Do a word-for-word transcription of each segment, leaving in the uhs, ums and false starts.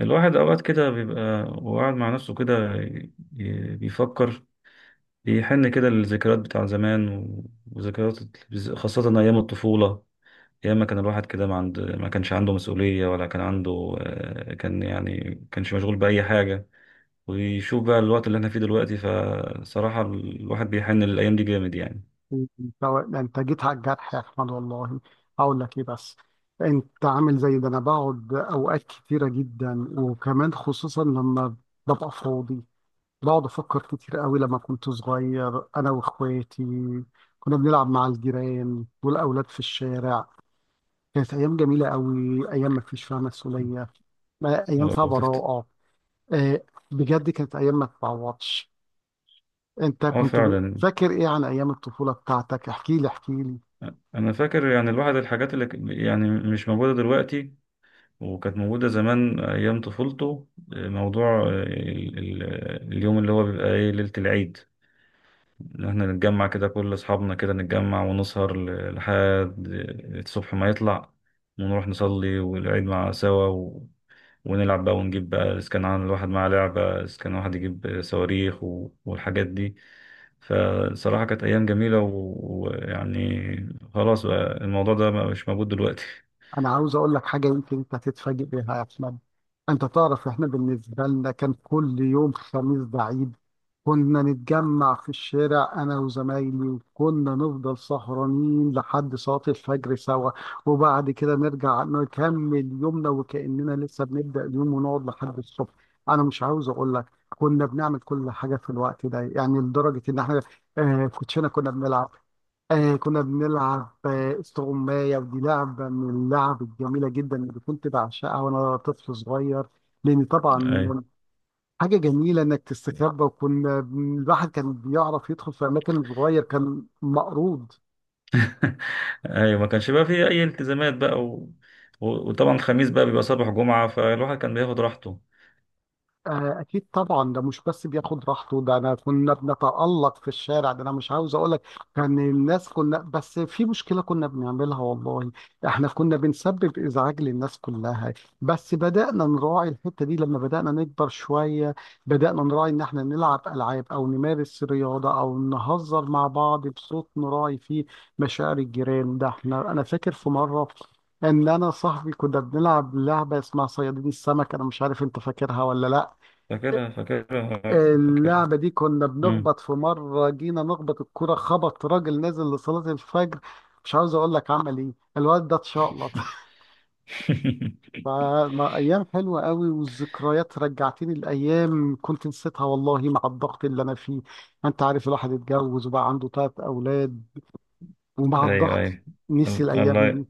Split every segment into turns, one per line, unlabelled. الواحد أوقات كده بيبقى وقاعد مع نفسه كده ي- ي- بيفكر، بيحن كده للذكريات بتاع زمان و- وذكريات، خاصة أيام الطفولة. أيام ما كان الواحد كده، ما عند ما كانش عنده مسؤولية ولا كان عنده، آه، كان يعني كانش مشغول بأي حاجة. ويشوف بقى الوقت اللي احنا فيه دلوقتي، فصراحة الواحد بيحن للأيام دي جامد يعني.
ده انت جيت على الجرح يا احمد، والله. هقول لك ايه بس؟ انت عامل زي ده. انا بقعد اوقات كتيره جدا، وكمان خصوصا لما ببقى فاضي بقعد افكر كتير قوي. لما كنت صغير انا واخواتي كنا بنلعب مع الجيران والاولاد في الشارع، كانت ايام جميله قوي، ايام ما فيش فيها مسؤوليه، ما- ايام فيها
ولو تفت...
براءه. آه، بجد كانت ايام ما تتعوضش. انت
اه،
كنت ب-
فعلا.
فاكر ايه عن ايام الطفوله بتاعتك؟ احكي لي احكي لي.
أنا فاكر يعني الواحد الحاجات اللي ك- يعني مش موجودة دلوقتي وكانت موجودة زمان أيام طفولته. موضوع آه، ال- ال- اليوم اللي هو بيبقى إيه، ليلة العيد، إن إحنا نتجمع كده كل أصحابنا كده، نتجمع ونسهر ل- لحد الصبح ما يطلع، ونروح نصلي والعيد مع سوا و... ونلعب بقى، ونجيب بقى إذا كان عن الواحد معاه لعبة، إذا كان واحد يجيب صواريخ و... والحاجات دي. فصراحة كانت أيام جميلة و- ويعني، خلاص بقى الموضوع ده مش موجود دلوقتي.
انا عاوز اقول لك حاجه يمكن انت هتتفاجئ بيها يا احمد. انت تعرف، احنا بالنسبه لنا كان كل يوم خميس ده عيد. كنا نتجمع في الشارع انا وزمايلي، وكنا نفضل سهرانين لحد صلاه الفجر سوا، وبعد كده نرجع نكمل يومنا وكاننا لسه بنبدا اليوم، ونقعد لحد الصبح. انا مش عاوز اقول لك كنا بنعمل كل حاجه في الوقت ده، يعني لدرجه ان احنا آه كوتشينه كنا بنلعب، آه كنا بنلعب آه، استغماية. ودي لعبة من اللعب الجميلة جدا اللي كنت بعشقها وأنا طفل صغير، لأن طبعا حاجة جميلة إنك تستخبى. وكنا بن- الواحد كان بيعرف يدخل في أماكن صغير كان مقروض.
ايوه، ما كانش بقى فيه اي التزامات بقى و... و... وطبعا الخميس بقى بيبقى صباح جمعة، فالواحد كان بياخد راحته.
آه، أكيد طبعا، ده مش بس بياخد راحته، ده أنا كنا بنتألق في الشارع. ده أنا مش عاوز أقول لك، كان الناس كنا بس في مشكلة كنا بنعملها والله. إحنا كنا بنسبب إزعاج للناس كلها، بس بدأنا نراعي الحتة دي لما بدأنا نكبر شوية. بدأنا نراعي إن إحنا نلعب ألعاب أو نمارس رياضة أو نهزر مع بعض بصوت نراعي فيه مشاعر الجيران. ده إحنا أنا فاكر في مرة ان انا صاحبي كنا بنلعب لعبه اسمها صيادين السمك، انا مش عارف انت فاكرها ولا لا.
فاكرها، فاكرها، فاكرها.
اللعبة دي كنا
مم.
بنخبط، في مرة جينا نخبط الكرة خبط راجل نازل لصلاة الفجر. مش عاوز اقول لك عمل ايه الواد ده، اتشقلط فما ايام حلوة قوي، والذكريات رجعتني الايام كنت نسيتها والله مع الضغط اللي انا فيه. انت عارف الواحد اتجوز وبقى عنده ثلاث اولاد، ومع
ايوه،
الضغط
ايوه.
نسي الايام
الله.
دي.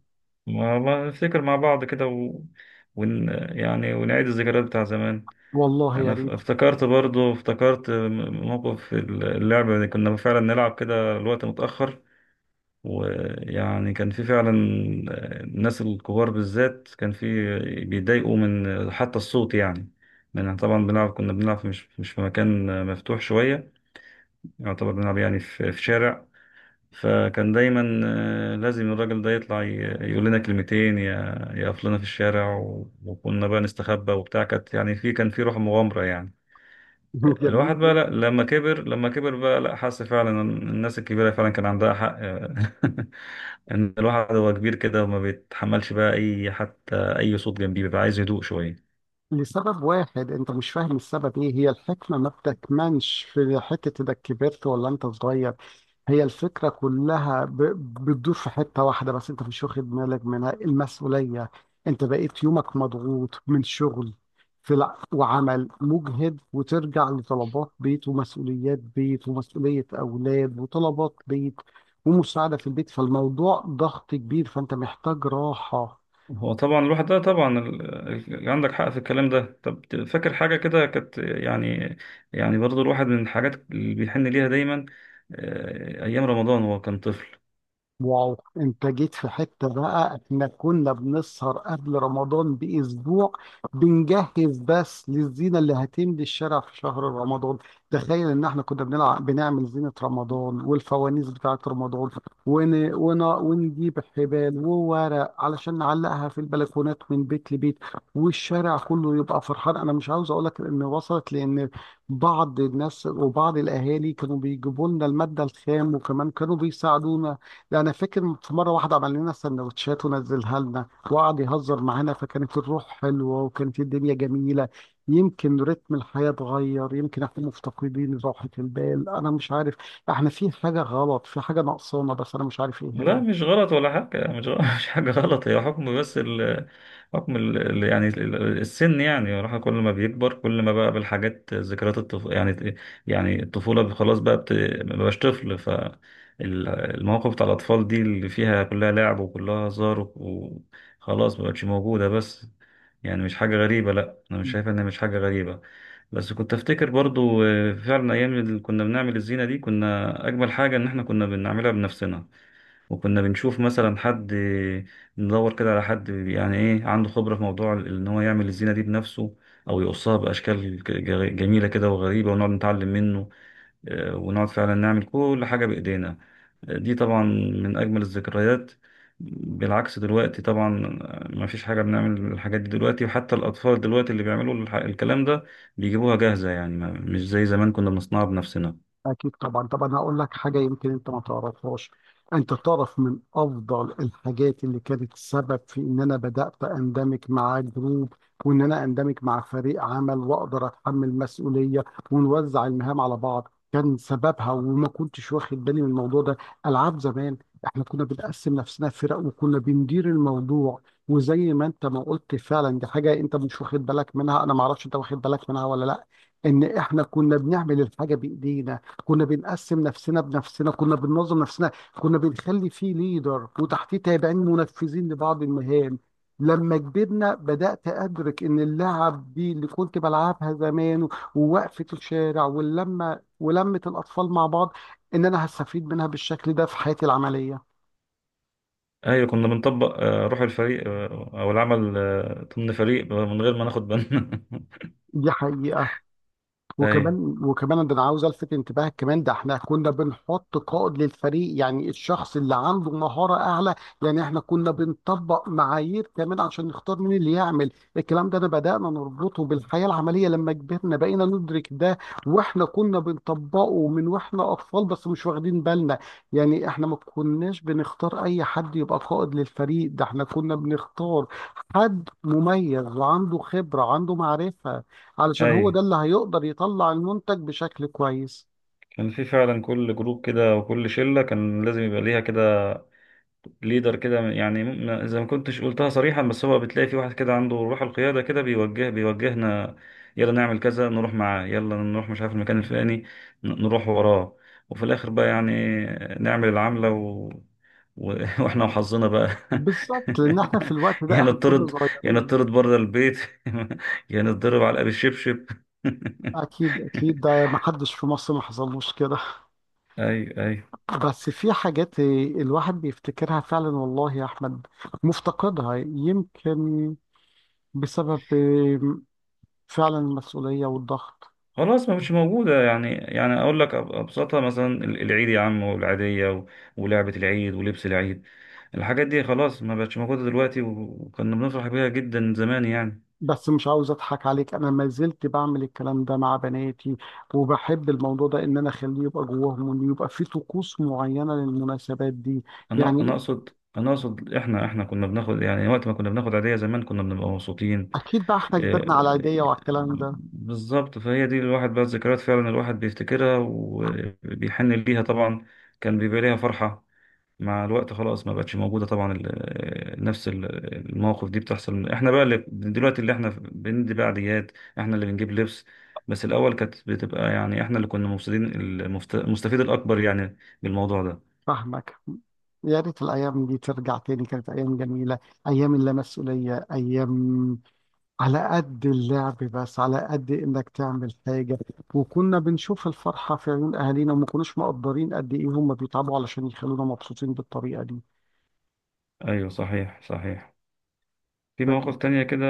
ما ما نفتكر مع بعض كده و... ون... يعني ونعيد الذكريات بتاع زمان.
والله يا
انا ف-
ريت.
افتكرت، برضو افتكرت م- موقف اللعبة اللي كنا فعلا نلعب كده الوقت متأخر. ويعني كان في فعلا، الناس الكبار بالذات كان في بيضايقوا من حتى الصوت يعني. من طبعا بنلعب كنا بنلعب مش مش في مكان مفتوح شوية، يعتبر بنلعب يعني في في شارع. فكان دايما آه، لازم الراجل ده يطلع ي- يقول لنا كلمتين، ي- يقف لنا في الشارع، و- وكنا بقى نستخبى وبتاع، كانت يعني في، كان في روح مغامرة يعني.
جميل
الواحد بقى، لا
جدا.
لما كبر، لما كبر بقى لا، حس فعلا ان الناس الكبيرة فعلا كان عندها حق. ان الواحد هو كبير كده وما بيتحملش بقى اي، حتى اي صوت جنبيه بيبقى عايز هدوء شوية.
لسبب واحد انت مش فاهم السبب ايه. هي الحكمة ما بتكمنش في حتة انك كبرت ولا انت صغير، هي الفكرة كلها ب- بتدور في حتة واحدة بس انت مش واخد بالك منها: المسؤولية. انت بقيت يومك مضغوط من شغل في الع- وعمل مجهد، وترجع لطلبات بيت ومسؤوليات بيت ومسؤولية أولاد وطلبات بيت ومساعدة في البيت، فالموضوع ضغط كبير، فانت محتاج راحة.
هو طبعا الواحد ده طبعا ال- ال- عندك حق في الكلام ده. طب فاكر حاجة كده كانت يعني، يعني برضو الواحد من الحاجات اللي بيحن ليها دايما، آه، ايام رمضان هو كان طفل.
واو، انت جيت في حتة بقى. احنا كنا بنسهر قبل رمضان باسبوع، بنجهز بس للزينة اللي هتملي الشارع في شهر رمضان. تخيل ان احنا كنا بنلعب بنعمل زينة رمضان والفوانيس بتاعة رمضان، ون... ون... ونجيب حبال وورق علشان نعلقها في البلكونات من بيت لبيت، والشارع كله يبقى فرحان. انا مش عاوز اقول لك ان وصلت لان بعض الناس وبعض الاهالي كانوا بيجيبوا لنا المادة الخام، وكمان كانوا بيساعدونا. يعني فاكر في مرة واحدة عمل لنا سندوتشات ونزلها لنا وقعد يهزر معانا، فكانت الروح حلوة وكانت الدنيا جميلة. يمكن رتم الحياة اتغير، يمكن احنا مفتقدين راحة البال، أنا مش عارف. احنا في حاجة غلط، في حاجة ناقصانا بس أنا مش عارف ايه
لا،
هي.
مش غلط ولا حاجة يعني، مش غلط. مش حاجة غلط، هي حكم. بس ال حكم ال ال- يعني ال- ال- السن، يعني الواحد كل ما بيكبر كل ما بقى بالحاجات، ذكريات الطف... يعني، يعني الطفولة خلاص بقى بت... ما بقاش طفل. فالمواقف بتاع الأطفال دي اللي فيها كلها لعب وكلها هزار و- وخلاص ما بقتش موجودة، بس يعني مش حاجة غريبة. لا، أنا مش شايف إنها مش حاجة غريبة. بس كنت افتكر برضو، آه، فعلا ايام اللي كنا بنعمل الزينه دي، كنا اجمل حاجه ان احنا كنا بنعملها بنفسنا. وكنا بنشوف مثلا حد، ندور كده على حد يعني ايه عنده خبرة في موضوع ال- ان هو يعمل الزينة دي بنفسه، او يقصها باشكال ج- ج- جميلة كده وغريبة، ونقعد نتعلم منه. آه، ونقعد فعلا نعمل كل حاجة بايدينا. آه، دي طبعا من اجمل الذكريات. بالعكس دلوقتي طبعا، آه، ما فيش حاجة بنعمل الحاجات دي دلوقتي. وحتى الأطفال دلوقتي اللي بيعملوا الح- الكلام ده بيجيبوها جاهزة يعني، ما- مش زي زمان كنا بنصنعها بنفسنا.
أكيد طبعا. طب أنا هقول لك حاجة يمكن أنت ما تعرفهاش. أنت تعرف من أفضل الحاجات اللي كانت سبب في إن أنا بدأت أندمج مع جروب، وإن أنا أندمج مع فريق عمل وأقدر أتحمل مسؤولية ونوزع المهام على بعض، كان سببها وما كنتش واخد بالي من الموضوع ده: ألعاب زمان. إحنا كنا بنقسم نفسنا فرق وكنا بندير الموضوع. وزي ما أنت ما قلت فعلا، دي حاجة أنت مش واخد بالك منها، أنا ما أعرفش أنت واخد بالك منها ولا لأ، إن إحنا كنا بنعمل الحاجة بإيدينا. كنا بنقسم نفسنا بنفسنا، كنا بننظم نفسنا، كنا بنخلي فيه ليدر وتحتيه تابعين منفذين لبعض المهام. لما كبرنا بدأت أدرك إن اللعب دي اللي كنت بلعبها زمان ووقفة الشارع واللمة ولمة الأطفال مع بعض، إن أنا هستفيد منها بالشكل ده في حياتي العملية.
ايوه، كنا بنطبق آه، روح الفريق، آه، او العمل آه، ضمن فريق، آه، من غير ما ناخد بالنا.
دي حقيقة.
ايوه،
وكمان وكمان ده انا عاوز الفت انتباهك كمان، ده احنا كنا بنحط قائد للفريق، يعني الشخص اللي عنده مهارة اعلى. يعني احنا كنا بنطبق معايير كمان عشان نختار مين اللي يعمل. الكلام ده انا بدأنا نربطه بالحياة العملية لما كبرنا بقينا ندرك ده، واحنا كنا بنطبقه من واحنا اطفال بس مش واخدين بالنا. يعني احنا ما كناش بنختار اي حد يبقى قائد للفريق، ده احنا كنا بنختار حد مميز وعنده خبرة، عنده معرفة، علشان هو
ايوه.
ده اللي هيقدر يطلع المنتج بشكل كويس.
كان في فعلا كل جروب كده وكل شله كان لازم يبقى ليها كده ليدر كده، يعني م- زي ما كنتش قلتها صريحا، بس هو بتلاقي في واحد كده عنده روح القيادة كده، بيوجه بيوجهنا يلا نعمل كذا، نروح معاه، يلا نروح مش عارف المكان الفلاني، ن- نروح وراه. وفي الآخر بقى يعني نعمل العملة و... و... واحنا وحظنا بقى.
بالظبط، لان احنا في الوقت ده
يا
احنا كنا
نطرد يا
صغيرين.
نطرد بره البيت. يا نتضرب علقة بالشبشب.
اكيد اكيد، ده ما حدش في مصر ما حصلوش كده.
ايوه، ايوه.
بس في حاجات الواحد بيفتكرها فعلا والله يا احمد، مفتقدها يمكن بسبب فعلا المسؤولية والضغط.
خلاص ما مش موجودة يعني يعني أقول لك أب- أبسطها، مثلا ال- العيد يا عم، والعيدية و- ولعبة العيد ولبس العيد. الحاجات دي خلاص ما بقتش موجودة دلوقتي، و- وكنا بنفرح بيها جدا زمان يعني.
بس مش عاوز اضحك عليك، انا ما زلت بعمل الكلام ده مع بناتي، وبحب الموضوع ده ان انا اخليه يبقى جواهم وان يبقى في طقوس معينة للمناسبات دي.
أنا أنا
يعني
أقصد، أنا أقصد إحنا إحنا كنا بناخد يعني، وقت ما كنا بناخد عيدية زمان كنا بنبقى مبسوطين.
أكيد بقى إحنا كبرنا على العيدية
آه،
وعلى الكلام ده.
بالظبط. فهي دي، الواحد بقى الذكريات فعلا الواحد بيفتكرها وبيحن ليها طبعا، كان بيبقى ليها فرحة. مع الوقت خلاص ما بقتش موجودة طبعا، ال- نفس ال- المواقف دي بتحصل. احنا بقى اللي دلوقتي، اللي احنا بندي بقى عيديات، احنا اللي بنجيب لبس، بس الأول كانت بتبقى يعني احنا اللي كنا مفسدين، المفت- المستفيد الأكبر يعني بالموضوع ده.
فاهمك. يا ريت الأيام دي ترجع تاني، كانت أيام جميلة، أيام اللا مسؤولية، أيام على قد اللعب بس على قد إنك تعمل حاجة. وكنا بنشوف الفرحة في عيون أهالينا، وما كناش مقدرين قد إيه هم بيتعبوا علشان يخلونا مبسوطين بالطريقة دي.
أيوه، صحيح، صحيح. في مواقف
ف-
تانية كده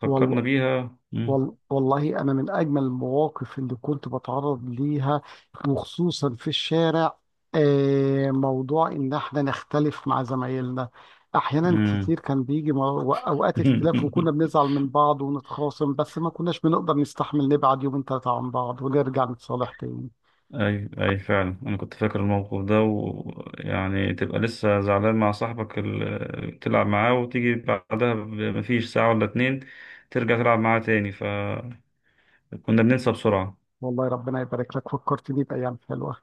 فكرنا
والله.
بيها. مم.
وال- والله أنا من أجمل المواقف اللي كنت بتعرض ليها، وخصوصا في الشارع، آه، موضوع إن إحنا نختلف مع زمايلنا. أحيانا
مم.
كتير كان بيجي مو- أوقات اختلاف، وكنا بنزعل من بعض ونتخاصم، بس ما كناش بنقدر نستحمل نبعد يومين ثلاثة عن بعض ونرجع نتصالح تاني.
اي، اي، فعلا انا كنت فاكر الموقف ده. ويعني تبقى لسه زعلان مع صاحبك اللي بتلعب معاه، وتيجي بعدها ب- مفيش ساعة ولا اتنين ترجع تلعب معاه تاني، فكنا بننسى بسرعة.
والله ربنا يبارك لك، فكرتني بأيام حلوة.